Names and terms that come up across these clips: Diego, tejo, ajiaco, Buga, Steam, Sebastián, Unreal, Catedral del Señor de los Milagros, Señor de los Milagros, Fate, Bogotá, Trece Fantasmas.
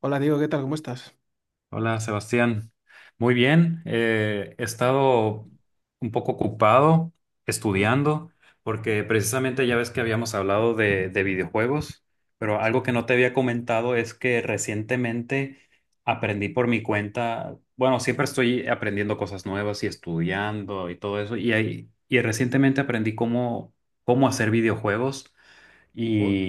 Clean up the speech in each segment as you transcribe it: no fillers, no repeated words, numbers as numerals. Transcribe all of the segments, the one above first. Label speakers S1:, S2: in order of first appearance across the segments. S1: Hola Diego, ¿qué tal? ¿Cómo estás?
S2: Hola Sebastián, muy bien. He estado un poco ocupado
S1: Mm,
S2: estudiando porque precisamente ya ves que habíamos hablado de videojuegos, pero
S1: Sí.
S2: algo que no te había comentado es que recientemente aprendí por mi cuenta. Bueno, siempre estoy aprendiendo cosas nuevas y estudiando y todo eso, y recientemente aprendí cómo hacer videojuegos.
S1: Uy,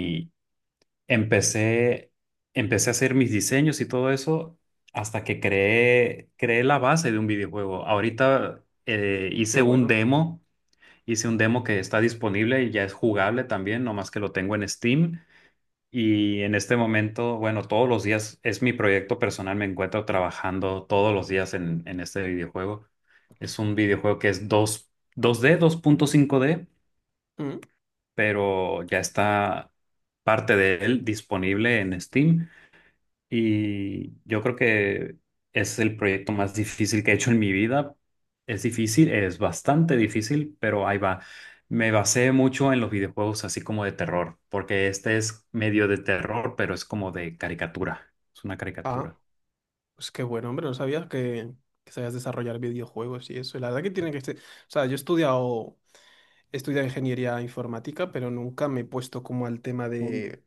S2: Empecé, Empecé a hacer mis diseños y todo eso hasta que creé la base de un videojuego. Ahorita
S1: qué
S2: hice un
S1: bueno.
S2: demo, hice un demo que está disponible y ya es jugable también, nomás que lo tengo en Steam. Y en este momento, bueno, todos los días es mi proyecto personal, me encuentro trabajando todos los días en este videojuego. Es un videojuego que es dos d, 2.5D,
S1: Mm.
S2: pero ya está parte de él disponible en Steam. Y yo creo que es el proyecto más difícil que he hecho en mi vida. Es difícil, es bastante difícil, pero ahí va. Me basé mucho en los videojuegos así como de terror, porque este es medio de terror, pero es como de caricatura. Es una
S1: Ah,
S2: caricatura.
S1: pues qué bueno, hombre, no sabía que sabías desarrollar videojuegos y eso. Y la verdad que tiene que ser... O sea, he estudiado ingeniería informática, pero nunca me he puesto como al tema
S2: Mm.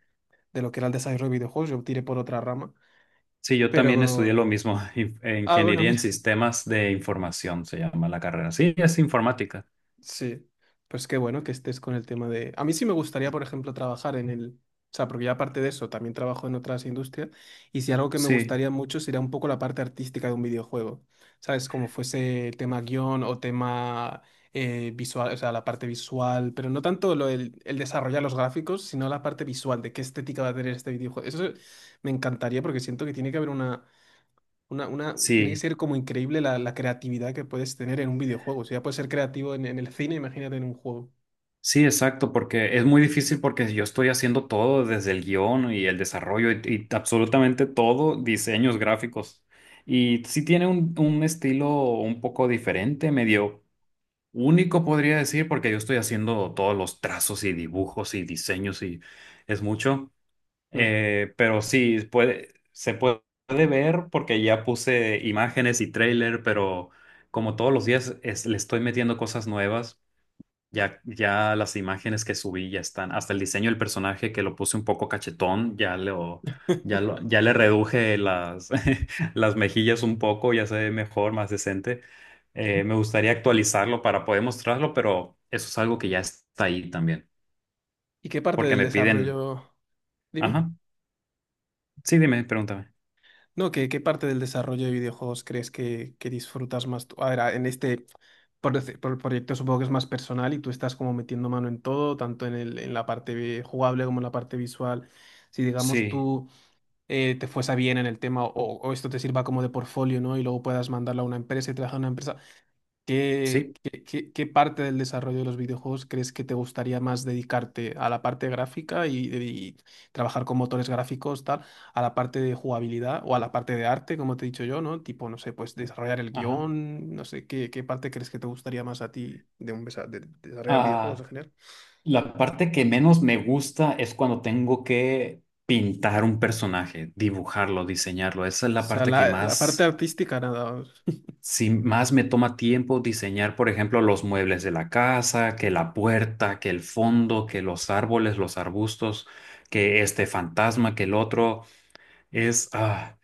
S1: de lo que era el desarrollo de videojuegos. Yo tiré por otra rama.
S2: Sí, yo también estudié
S1: Pero...
S2: lo mismo,
S1: Ah, bueno,
S2: Ingeniería en
S1: mira.
S2: Sistemas de Información se llama la carrera. Sí, es informática.
S1: Sí, pues qué bueno que estés con el tema de... A mí sí me gustaría, por ejemplo, trabajar en el... O sea, porque ya aparte de eso, también trabajo en otras industrias y si algo que me
S2: Sí,
S1: gustaría mucho sería un poco la parte artística de un videojuego, ¿sabes? Como fuese tema guión o tema visual, o sea, la parte visual, pero no tanto el desarrollar los gráficos, sino la parte visual de qué estética va a tener este videojuego. Eso me encantaría porque siento que tiene que haber una tiene que
S2: sí.
S1: ser como increíble la creatividad que puedes tener en un videojuego. O sea, ya puedes ser creativo en el cine, imagínate en un juego.
S2: Sí, exacto, porque es muy difícil porque yo estoy haciendo todo desde el guión y el desarrollo y absolutamente todo, diseños gráficos. Y sí tiene un estilo un poco diferente, medio único podría decir, porque yo estoy haciendo todos los trazos y dibujos y diseños y es mucho.
S1: Mm.
S2: Pero sí, se puede ver porque ya puse imágenes y trailer, pero como todos los días le estoy metiendo cosas nuevas. Ya las imágenes que subí ya están, hasta el diseño del personaje que lo puse un poco cachetón, ya le reduje las, las mejillas un poco, ya se ve mejor, más decente. Me gustaría actualizarlo para poder mostrarlo, pero eso es algo que ya está ahí también,
S1: ¿Y qué parte
S2: porque
S1: del
S2: me piden,
S1: desarrollo? Dime.
S2: ajá, sí, dime, pregúntame.
S1: No, ¿qué, qué parte del desarrollo de videojuegos crees que disfrutas más tú? A ver, en este por el proyecto supongo que es más personal y tú estás como metiendo mano en todo, tanto en el, en la parte jugable como en la parte visual. Si digamos
S2: Sí,
S1: tú te fuese bien en el tema o esto te sirva como de portfolio, ¿no? Y luego puedas mandarlo a una empresa y trabajar en una empresa. ¿Qué,
S2: sí,
S1: qué, qué parte del desarrollo de los videojuegos crees que te gustaría más dedicarte a la parte gráfica y trabajar con motores gráficos, tal, a la parte de jugabilidad o a la parte de arte, como te he dicho yo, ¿no? Tipo, no sé, pues desarrollar el
S2: ajá.
S1: guión, no sé, ¿qué, qué parte crees que te gustaría más a ti de, de desarrollar videojuegos
S2: Ah,
S1: en general?
S2: La parte que menos me gusta es cuando tengo que pintar un personaje, dibujarlo, diseñarlo. Esa es
S1: O
S2: la
S1: sea,
S2: parte que
S1: la parte
S2: más,
S1: artística, nada. Os-
S2: si más me toma tiempo diseñar, por ejemplo, los muebles de la casa, que la puerta, que el fondo, que los árboles, los arbustos, que este fantasma, que el otro. Es, ah,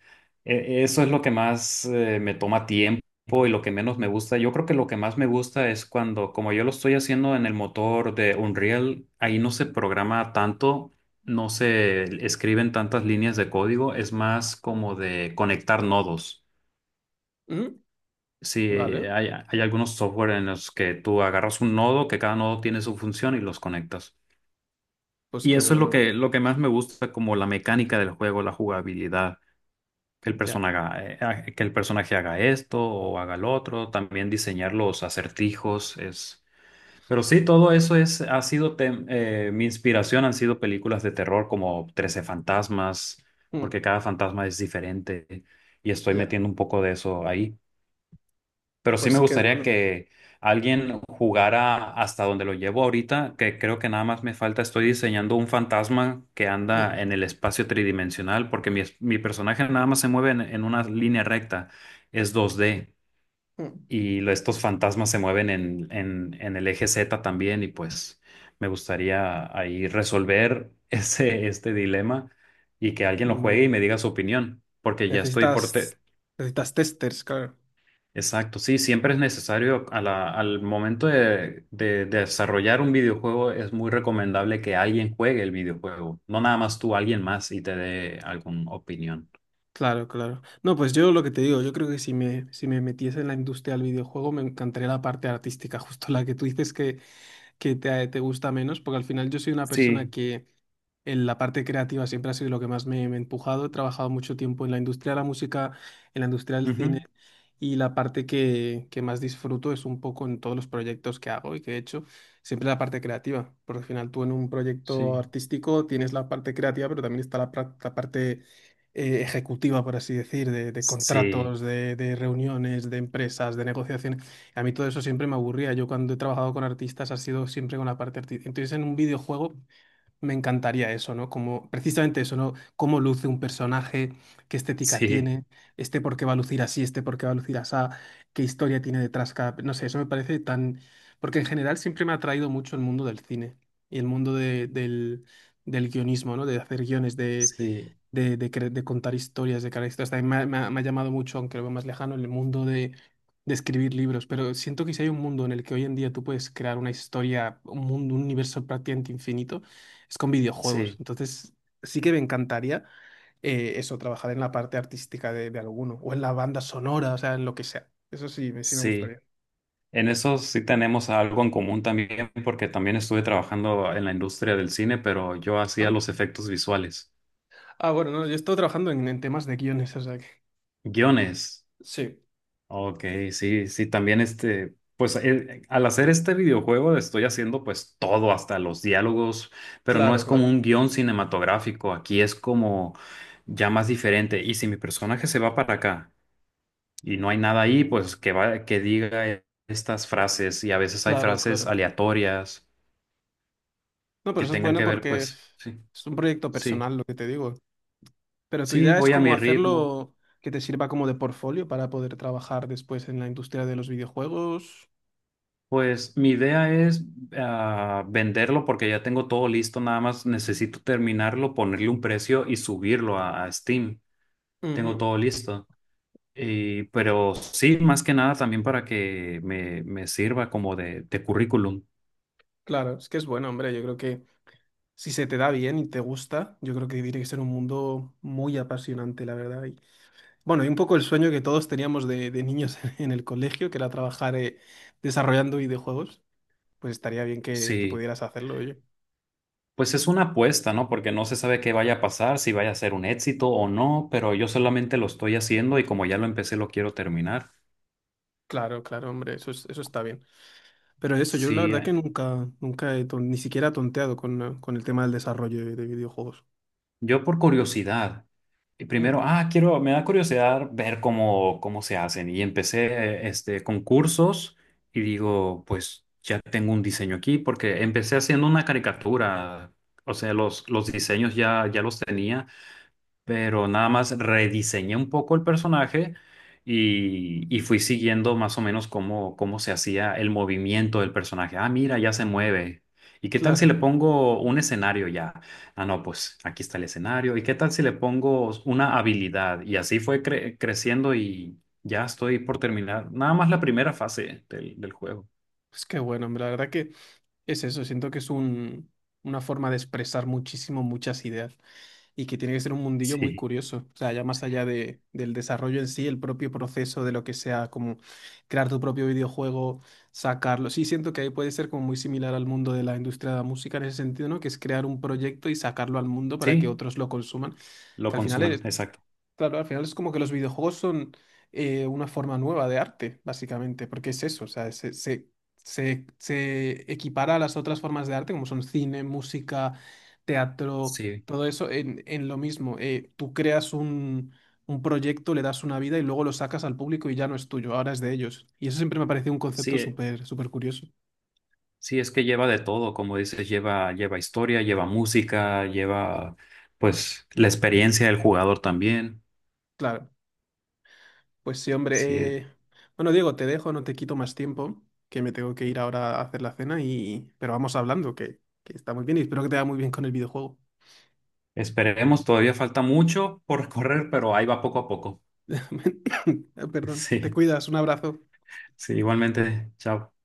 S2: Eso es lo que más me toma tiempo y lo que menos me gusta. Yo creo que lo que más me gusta es cuando, como yo lo estoy haciendo en el motor de Unreal, ahí no se programa tanto, no se escriben tantas líneas de código, es más como de conectar nodos.
S1: ¿Mm?
S2: Sí,
S1: Vale,
S2: hay algunos software en los que tú agarras un nodo, que cada nodo tiene su función y los conectas.
S1: pues
S2: Y
S1: qué
S2: eso es
S1: bueno, no.
S2: lo que más me gusta, como la mecánica del juego, la jugabilidad. que el
S1: Ya.
S2: personaje, que el personaje haga esto o haga lo otro, también diseñar los acertijos es... Pero sí, todo eso es, ha sido mi inspiración, han sido películas de terror como 13 fantasmas,
S1: Mm,
S2: porque cada fantasma es diferente y estoy
S1: ya.
S2: metiendo un poco de eso ahí. Pero sí me
S1: Pues qué
S2: gustaría
S1: bueno.
S2: que alguien jugara hasta donde lo llevo ahorita, que creo que nada más me falta, estoy diseñando un fantasma que
S1: Mm,
S2: anda en el espacio tridimensional, porque mi personaje nada más se mueve en una línea recta, es 2D,
S1: mm.
S2: y estos fantasmas se mueven en el eje Z también, y pues me gustaría ahí resolver ese, este dilema y que alguien lo juegue
S1: Bueno.
S2: y me diga su opinión, porque ya estoy
S1: Necesitas,
S2: por...
S1: necesitas testers, claro.
S2: Exacto, sí, siempre es necesario al momento de desarrollar un videojuego, es muy recomendable que alguien juegue el videojuego, no nada más tú, alguien más y te dé alguna opinión.
S1: Claro, claro. No, pues yo lo que te digo, yo creo que si me, si me metiese en la industria del videojuego me encantaría la parte artística, justo la que tú dices que, te gusta menos, porque al final yo soy una persona
S2: Sí,
S1: que en la parte creativa siempre ha sido lo que más me, me ha empujado. He trabajado mucho tiempo en la industria de la música, en la industria del cine,
S2: Ujú.
S1: y la parte que más disfruto es un poco en todos los proyectos que hago y que he hecho, siempre la parte creativa, porque al final tú en un proyecto
S2: Sí.
S1: artístico tienes la parte creativa, pero también está la parte... ejecutiva, por así decir, de
S2: Sí,
S1: contratos, de reuniones, de empresas, de negociaciones. A mí todo eso siempre me aburría. Yo cuando he trabajado con artistas ha sido siempre con la parte artística. Entonces en un videojuego me encantaría eso, ¿no? Como precisamente eso, ¿no? Cómo luce un personaje, qué estética
S2: sí,
S1: tiene, este por qué va a lucir así, este por qué va a lucir así, qué historia tiene detrás cada... No sé, eso me parece tan... Porque en general siempre me ha atraído mucho el mundo del cine y el mundo del, del guionismo, ¿no? De hacer guiones,
S2: sí,
S1: de de contar historias, de crear historias. También me ha, me ha llamado mucho, aunque lo veo más lejano, el mundo de escribir libros. Pero siento que si hay un mundo en el que hoy en día tú puedes crear una historia, un mundo, un universo prácticamente infinito, es con videojuegos.
S2: sí,
S1: Entonces, sí que me encantaría eso, trabajar en la parte artística de alguno, o en la banda sonora, o sea, en lo que sea. Eso sí, sí me
S2: sí.
S1: gustaría.
S2: En eso sí tenemos algo en común también, porque también estuve trabajando en la industria del cine, pero yo hacía
S1: Ah,
S2: los efectos visuales,
S1: ah, bueno, no, yo he estado trabajando en temas de guiones, o sea que...
S2: guiones.
S1: Sí,
S2: Ok, sí, sí, también este, pues al hacer este videojuego estoy haciendo pues todo, hasta los diálogos, pero no
S1: claro,
S2: es como
S1: claro,
S2: un guión cinematográfico, aquí es como ya más diferente. Y si mi personaje se va para acá y no hay nada ahí, pues que va, que diga estas frases y a veces hay
S1: claro,
S2: frases
S1: claro.
S2: aleatorias
S1: No, pero
S2: que
S1: eso es
S2: tengan
S1: bueno
S2: que ver,
S1: porque
S2: pues sí,
S1: es un proyecto
S2: sí,
S1: personal, lo que te digo. Pero tu
S2: sí,
S1: idea es
S2: voy a
S1: como
S2: mi ritmo.
S1: hacerlo que te sirva como de portfolio para poder trabajar después en la industria de los videojuegos.
S2: Pues mi idea es venderlo porque ya tengo todo listo, nada más necesito terminarlo, ponerle un precio y subirlo a Steam. Tengo
S1: Ujú.
S2: todo listo. Pero sí, más que nada también para que me sirva como de currículum.
S1: Claro, es que es bueno, hombre. Yo creo que si se te da bien y te gusta, yo creo que tiene que ser un mundo muy apasionante, la verdad. Y, bueno, y un poco el sueño que todos teníamos de niños en el colegio, que era trabajar desarrollando videojuegos, pues estaría bien que
S2: Sí,
S1: pudieras hacerlo, oye.
S2: pues es una apuesta, ¿no? Porque no se sabe qué vaya a pasar, si vaya a ser un éxito o no, pero yo solamente lo estoy haciendo y como ya lo empecé, lo quiero terminar.
S1: Claro, claro, hombre, eso está bien. Pero eso, yo la
S2: Sí,
S1: verdad que nunca, nunca ni siquiera he tonteado con el tema del desarrollo de videojuegos.
S2: yo por curiosidad, y
S1: Mm,
S2: primero, me da curiosidad ver cómo se hacen. Y empecé este, con cursos y digo, pues ya tengo un diseño aquí porque empecé haciendo una caricatura. O sea, los diseños ya los tenía, pero nada más rediseñé un poco el personaje y fui siguiendo más o menos cómo se hacía el movimiento del personaje. Ah, mira, ya se mueve. ¿Y qué tal si le
S1: claro,
S2: pongo un escenario ya? Ah, no, pues aquí está el escenario. ¿Y qué tal si le pongo una habilidad? Y así fue creciendo y ya estoy por terminar. Nada más la primera fase del juego.
S1: es que bueno, hombre, la verdad que es eso, siento que es un, una forma de expresar muchísimo muchas ideas y que tiene que ser un mundillo muy
S2: Sí,
S1: curioso, o sea, ya más allá de, del desarrollo en sí, el propio proceso de lo que sea, como crear tu propio videojuego, sacarlo, sí siento que ahí puede ser como muy similar al mundo de la industria de la música en ese sentido, ¿no? Que es crear un proyecto y sacarlo al mundo para que
S2: sí,
S1: otros lo consuman,
S2: lo
S1: que al final
S2: consumen
S1: es...
S2: exacto.
S1: Claro, al final es como que los videojuegos son una forma nueva de arte, básicamente, porque es eso, o sea, se equipara a las otras formas de arte, como son cine, música, teatro,
S2: Sí,
S1: todo eso, en lo mismo. Tú creas un proyecto, le das una vida y luego lo sacas al público y ya no es tuyo, ahora es de ellos. Y eso siempre me ha parecido un concepto
S2: sí.
S1: súper, súper curioso.
S2: Sí, es que lleva de todo, como dices, lleva historia, lleva música, lleva pues la experiencia del jugador también.
S1: Claro. Pues sí,
S2: Sí,
S1: hombre. Bueno, Diego, te dejo, no te quito más tiempo, que me tengo que ir ahora a hacer la cena y... Pero vamos hablando, que está muy bien y espero que te vaya muy bien con el videojuego.
S2: esperemos, todavía falta mucho por recorrer, pero ahí va poco a poco.
S1: Perdón, te
S2: Sí,
S1: cuidas, un abrazo.
S2: sí, igualmente, chao.